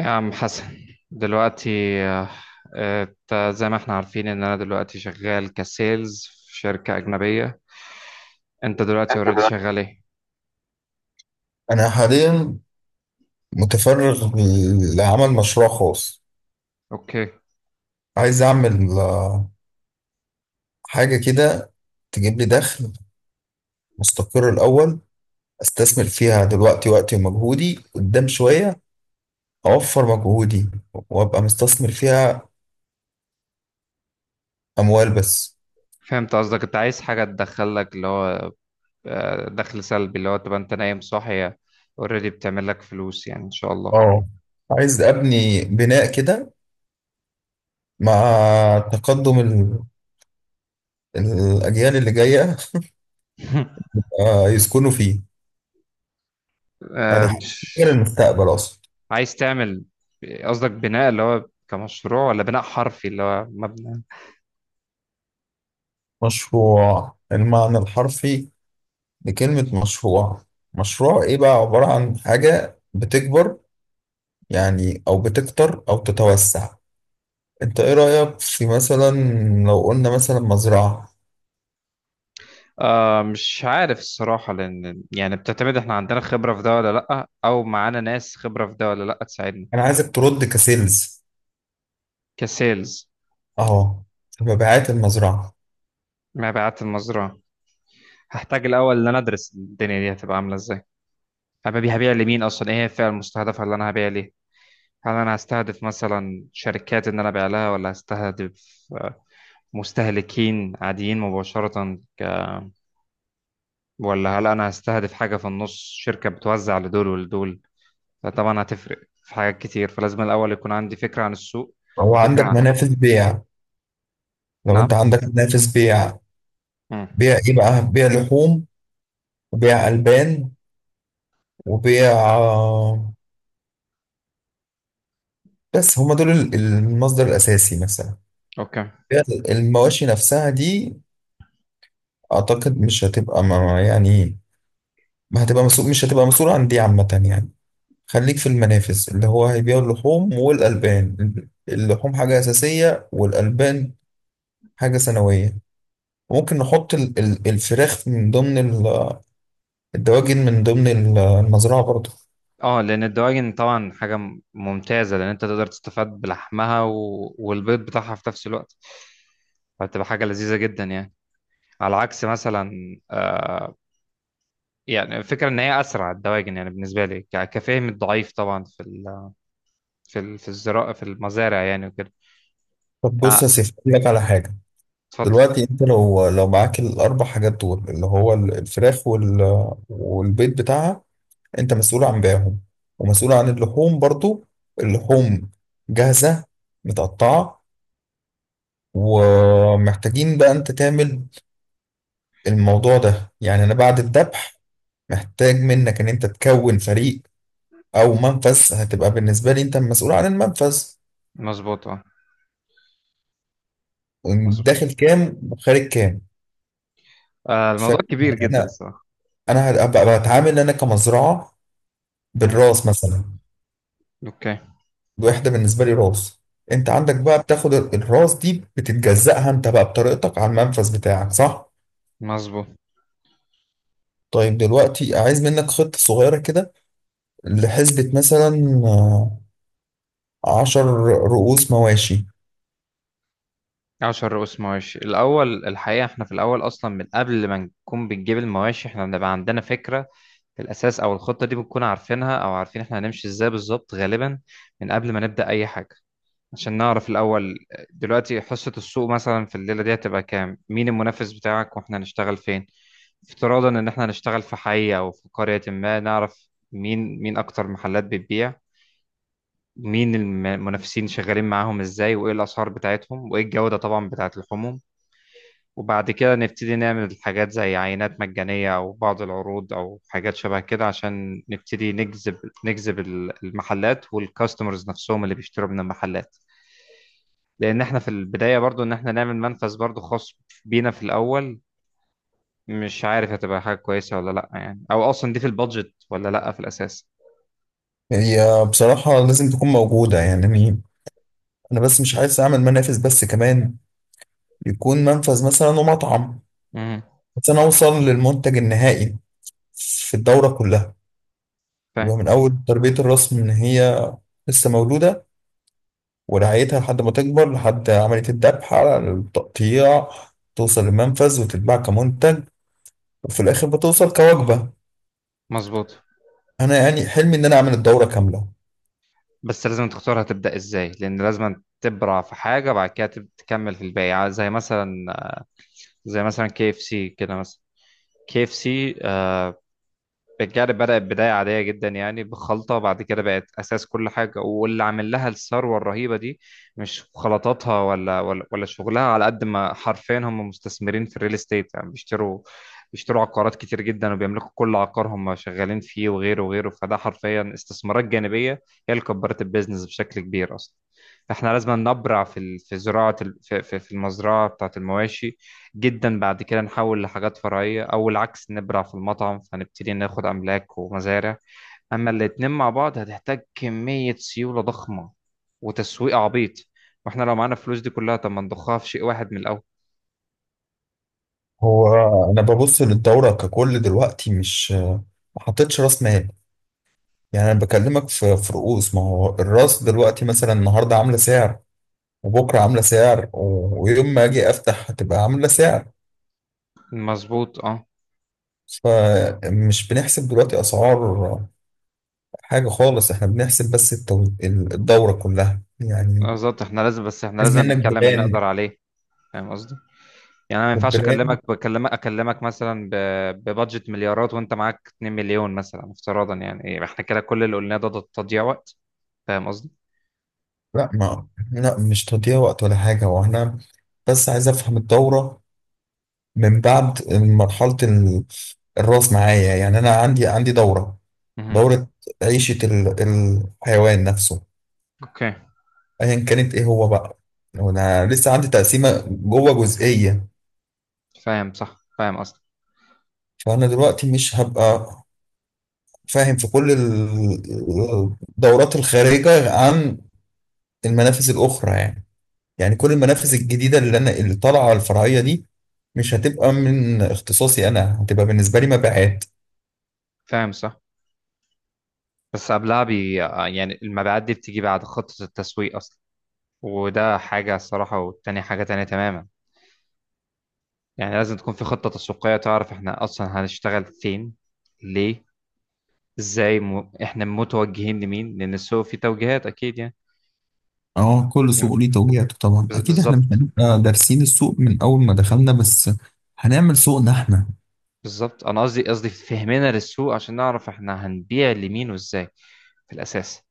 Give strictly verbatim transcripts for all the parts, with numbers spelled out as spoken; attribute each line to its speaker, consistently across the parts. Speaker 1: يا عم حسن دلوقتي. آه، آه، انت زي ما احنا عارفين ان انا دلوقتي شغال كسيلز في شركة أجنبية. انت دلوقتي اوريدي شغال ايه؟
Speaker 2: أنا حاليا متفرغ لعمل مشروع خاص.
Speaker 1: اوكي.
Speaker 2: عايز أعمل آه، حاجة كده تجيب لي دخل مستقر، الأول أستثمر فيها دلوقتي وقتي ومجهودي قدام شوية، أوفر مجهودي وأبقى مستثمر فيها أموال بس.
Speaker 1: فهمت قصدك، انت عايز حاجة تدخلك اللي هو آه، دخل سلبي، اللي هو تبقى انت نايم صاحي اوريدي بتعمل لك فلوس، يعني ان شاء الله.
Speaker 2: اه، عايز أبني بناء كده مع تقدم ال- الأجيال اللي جاية آه، يسكنوا فيه، يعني
Speaker 1: آه،
Speaker 2: حاجة
Speaker 1: مش.
Speaker 2: للمستقبل أصلا.
Speaker 1: عايز تعمل، قصدك بناء اللي هو كمشروع ولا بناء حرفي اللي هو مبنى؟
Speaker 2: مشروع المعنى الحرفي لكلمة مشروع، مشروع ايه بقى؟ عبارة عن حاجة بتكبر، يعني او بتكتر او تتوسع. انت ايه رأيك في مثلا لو قلنا مثلا مزرعة؟
Speaker 1: آه مش عارف الصراحة، لأن يعني بتعتمد، احنا عندنا خبرة في ده ولا لأ، أو معانا ناس خبرة في ده ولا لأ تساعدنا.
Speaker 2: انا عايزك ترد كسيلز،
Speaker 1: كسيلز.
Speaker 2: اهو، في مبيعات المزرعة.
Speaker 1: مبيعات المزرعة. هحتاج الأول إن أنا أدرس الدنيا دي هتبقى عاملة إزاي، هبقى هبيع لمين أصلا، إيه هي الفئة المستهدفة اللي أنا هبيع ليها. هل أنا هستهدف مثلا شركات إن أنا أبيع لها، ولا هستهدف آه، مستهلكين عاديين مباشرة ك... ولا هل أنا هستهدف حاجة في النص، شركة بتوزع لدول ولدول؟ فطبعا هتفرق في حاجات كتير، فلازم الأول يكون عندي فكرة عن السوق
Speaker 2: هو
Speaker 1: وفكرة
Speaker 2: عندك
Speaker 1: عن.
Speaker 2: منافذ بيع؟ لو انت
Speaker 1: نعم.
Speaker 2: عندك منافذ بيع،
Speaker 1: مم.
Speaker 2: بيع ايه بقى؟ بيع لحوم وبيع ألبان وبيع آه، بس هما دول ال- المصدر الأساسي مثلا.
Speaker 1: أوكي.
Speaker 2: بيع المواشي نفسها دي أعتقد مش هتبقى ما- يعني ما هتبقى مسؤول، مش هتبقى مسؤول عن دي عامة يعني. خليك في المنافس اللي هو هيبيعوا اللحوم والألبان، اللحوم حاجة أساسية والألبان حاجة ثانوية. ممكن نحط ال- ال- الفراخ من ضمن ال- الدواجن من ضمن ال- المزرعة برضه.
Speaker 1: اه، لأن الدواجن طبعا حاجة م- ممتازة، لأن أنت تقدر تستفاد بلحمها و... والبيض بتاعها في نفس الوقت، فهتبقى حاجة لذيذة جدا يعني. على عكس مثلا، آه، يعني الفكرة إن هي أسرع الدواجن، يعني بالنسبة لي ك- كفهم الضعيف طبعا، في ال... في ال... في الزراعة في المزارع يعني وكده.
Speaker 2: طب
Speaker 1: آه،
Speaker 2: بص يا سيف أقول لك على حاجة.
Speaker 1: اتفضل.
Speaker 2: دلوقتي انت لو لو معاك الأربع حاجات دول، اللي هو ال- الفراخ وال- والبيض بتاعها، انت مسؤول عن بيعهم ومسؤول عن اللحوم برضه. اللحوم جاهزة متقطعة، ومحتاجين بقى انت تعمل الموضوع ده، يعني انا بعد الذبح محتاج منك ان انت تكون فريق او منفذ، هتبقى بالنسبة لي انت المسؤول عن المنفذ.
Speaker 1: مظبوط، اه مظبوط.
Speaker 2: داخل كام وخارج كام.
Speaker 1: آه، الموضوع كبير جدا
Speaker 2: فانا
Speaker 1: الصراحة.
Speaker 2: انا هبقى بتعامل انا كمزرعة
Speaker 1: مم.
Speaker 2: بالراس مثلا.
Speaker 1: أوكي.
Speaker 2: الوحدة بالنسبة لي راس. انت عندك بقى بتاخد الراس دي بتتجزأها انت بقى بطريقتك على المنفذ بتاعك، صح؟
Speaker 1: مظبوط.
Speaker 2: طيب دلوقتي عايز منك خطة صغيرة كده، لحسبة مثلا عشر رؤوس مواشي.
Speaker 1: عشر رؤوس مواشي الأول، الحقيقة احنا في الأول أصلا من قبل ما نكون بنجيب المواشي احنا بنبقى عندنا فكرة في الأساس، أو الخطة دي بنكون عارفينها أو عارفين احنا هنمشي ازاي بالظبط غالبا، من قبل ما نبدأ أي حاجة، عشان نعرف الأول دلوقتي حصة السوق مثلا في الليلة دي هتبقى كام، مين المنافس بتاعك، واحنا هنشتغل فين. افتراضا إن احنا هنشتغل في حي أو في قرية، ما نعرف مين مين أكتر محلات بتبيع، مين الم- المنافسين شغالين معاهم ازاي، وايه الأسعار بتاعتهم، وايه الجودة طبعا بتاعت اللحوم. وبعد كده نبتدي نعمل حاجات زي عينات مجانية أو بعض العروض أو حاجات شبه كده، عشان نبتدي نجذب نجذب ال- المحلات والكاستمرز نفسهم اللي بيشتروا من المحلات. لأن إحنا في البداية برضو إن إحنا نعمل منفذ برضو خاص بينا في الأول، مش عارف هتبقى حاجة كويسة ولا لأ يعني، أو أصلا دي في البادجت ولا لأ في الأساس.
Speaker 2: هي بصراحة لازم تكون موجودة يعني. أنا بس مش عايز أعمل منافس بس كمان، يكون منفذ مثلا ومطعم،
Speaker 1: امم
Speaker 2: بس أنا أوصل للمنتج النهائي في الدورة كلها.
Speaker 1: فاهم.
Speaker 2: يبقى من أول تربية الرأس من هي لسه مولودة، ورعايتها لحد ما تكبر لحد عملية الذبح على التقطيع، توصل للمنفذ وتتباع كمنتج، وفي الآخر بتوصل كوجبة.
Speaker 1: مظبوط.
Speaker 2: أنا يعني حلمي إن أنا أعمل الدورة كاملة.
Speaker 1: بس لازم تختار هتبدأ إزاي، لأن لازم تبرع في حاجة بعد كده تب- تكمل في الباقي، زي مثلا، زي مثلا كي اف سي كده مثلا. كي اف سي بالجعل بدأت بداية عادية جدا، يعني بخلطة، بعد كده بقت أساس كل حاجة، واللي عامل لها الثروة الرهيبة دي مش خلطاتها ولا ولا ولا شغلها، على قد ما حرفيا هم مستثمرين في الريل استيت، يعني بيشتروا بيشتروا عقارات كتير جدا، وبيملكوا كل عقار هم شغالين فيه وغيره وغيره. فده حرفيا استثمارات جانبية هي اللي كبرت البيزنس بشكل كبير أصلا. احنا لازم نبرع في ال- في زراعة ال- في في- في المزرعة بتاعة المواشي جدا، بعد كده نحول لحاجات فرعية، أو العكس نبرع في المطعم فنبتدي ناخد أملاك ومزارع. أما الاتنين مع بعض هتحتاج كمية سيولة ضخمة وتسويق عبيط، واحنا لو معانا الفلوس دي كلها طب ما نضخها في شيء واحد من الأول.
Speaker 2: هو انا ببص للدوره ككل دلوقتي، مش ما حطيتش راس مال، يعني انا بكلمك في في رؤوس. ما هو الراس دلوقتي مثلا النهارده عامله سعر وبكره عامله سعر، و- ويوم ما اجي افتح هتبقى عامله سعر.
Speaker 1: مظبوط اه.
Speaker 2: فمش بنحسب دلوقتي اسعار حاجه خالص، احنا بنحسب بس التو- ال- الدوره كلها يعني.
Speaker 1: بالظبط، احنا لازم، بس احنا
Speaker 2: لازم
Speaker 1: لازم
Speaker 2: منك
Speaker 1: نتكلم اللي
Speaker 2: براند،
Speaker 1: نقدر عليه. فاهم قصدي؟ يعني انا ما ينفعش
Speaker 2: والبراند.
Speaker 1: اكلمك، بكلمك اكلمك مثلا ب- ببادجت مليارات وانت معاك 2 مليون مثلا افتراضا، يعني ايه احنا كده، كل اللي قلناه ده ده تضييع وقت. فاهم قصدي؟
Speaker 2: لا ما لا مش تضييع وقت ولا حاجه، وانا بس عايز افهم الدوره من بعد مرحلة ال- الراس معايا، يعني أنا عندي عندي دورة،
Speaker 1: مهم.
Speaker 2: دورة عيشة ال- الحيوان نفسه
Speaker 1: اوكي.
Speaker 2: أيا كانت إيه هو بقى. أنا لسه عندي تقسيمة جوه جزئية،
Speaker 1: فاهم صح، فاهم اصلا.
Speaker 2: فأنا دلوقتي مش هبقى فاهم في كل ال- الدورات الخارجة عن المنافذ الأخرى يعني، يعني كل المنافذ الجديدة اللي أنا اللي طالعة الفرعية دي، مش هتبقى من اختصاصي، أنا هتبقى بالنسبة لي مبيعات.
Speaker 1: فاهم صح. بس قبلها بي آه، يعني المبيعات دي بتيجي بعد خطة التسويق اصلا، وده حاجة الصراحة، والتانية حاجة تانية تماما. يعني لازم تكون في خطة تسويقية تعرف احنا اصلا هنشتغل فين، ليه، ازاي، م... احنا متوجهين لمين، لان السوق فيه توجيهات اكيد يعني.
Speaker 2: اه، كل سوق ليه توجيهاته طبعا
Speaker 1: بز-
Speaker 2: اكيد، احنا مش
Speaker 1: بالظبط.
Speaker 2: هنبقى دارسين السوق من اول ما دخلنا، بس هنعمل سوقنا احنا.
Speaker 1: بالظبط انا قصدي قصدي فهمنا للسوق عشان نعرف احنا هنبيع لمين وازاي في الاساس.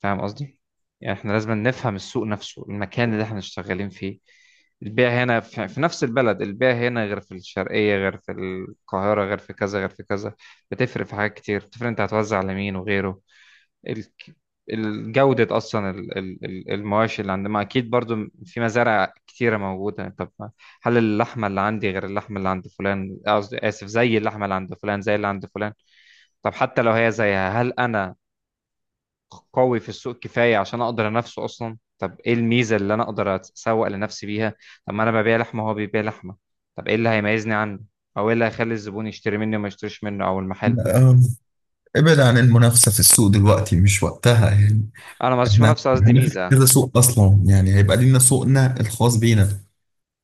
Speaker 1: فاهم قصدي؟ يعني احنا لازم نفهم السوق نفسه، المكان اللي احنا شغالين فيه. البيع هنا في, في نفس البلد، البيع هنا غير في الشرقية غير في القاهرة غير في كذا غير في كذا. بتفرق في حاجات كتير، بتفرق انت هتوزع على مين وغيره. ال- الجودة أصلا، ال- ال- ال- المواشي اللي عندنا، ما أكيد برضو في مزارع كتيرة موجودة. طب ما- هل اللحمة اللي عندي غير اللحمة اللي عند فلان، قصدي آسف، زي اللحمة اللي عند فلان زي اللي عند فلان. طب حتى لو هي زيها، هل أنا قوي في السوق كفايه عشان اقدر انافسه اصلا؟ طب ايه الميزه اللي انا اقدر اتسوق لنفسي بيها؟ طب ما انا ببيع لحمه وهو بيبيع لحمه، طب ايه اللي هيميزني عنه، او ايه اللي هيخلي الزبون يشتري مني وما يشتريش منه او المحل.
Speaker 2: آه، ابعد عن المنافسة في السوق دلوقتي مش وقتها يعني.
Speaker 1: انا ما قصديش
Speaker 2: احنا
Speaker 1: منافسه، قصدي
Speaker 2: هنفتح
Speaker 1: ميزه.
Speaker 2: كذا سوق اصلا، يعني هيبقى لينا سوقنا الخاص بينا،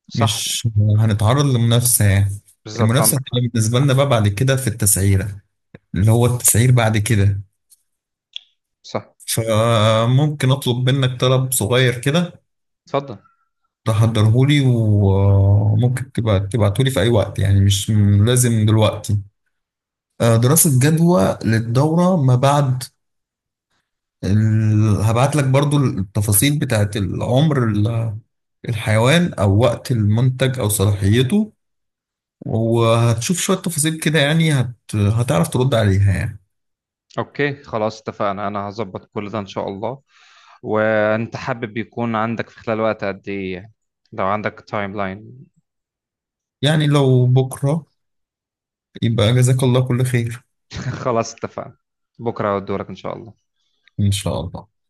Speaker 1: صح.
Speaker 2: مش هنتعرض لمنافسة يعني.
Speaker 1: بالظبط
Speaker 2: المنافسة
Speaker 1: عندك.
Speaker 2: هتبقى بالنسبة لنا بقى بعد كده في التسعيرة، اللي هو التسعير بعد كده.
Speaker 1: صح.
Speaker 2: فممكن اطلب منك طلب صغير كده،
Speaker 1: اتفضل.
Speaker 2: تحضرهولي وممكن تبقى تبعتهولي في أي وقت، يعني مش م- لازم دلوقتي. آه، دراسة جدوى للدورة ما بعد ال... هبعت لك برضو التفاصيل بتاعت العمر، ال- الحيوان أو وقت المنتج أو صلاحيته، وهتشوف شوية تفاصيل كده، يعني هت... هتعرف ترد عليها يعني.
Speaker 1: اوكي خلاص اتفقنا، انا هظبط كل ده ان شاء الله. وانت حابب يكون عندك في خلال وقت قد ايه يعني؟ لو عندك تايم لاين.
Speaker 2: يعني لو بكرة يبقى جزاك الله كل خير،
Speaker 1: خلاص اتفقنا. بكره دورك ان شاء الله.
Speaker 2: إن شاء الله.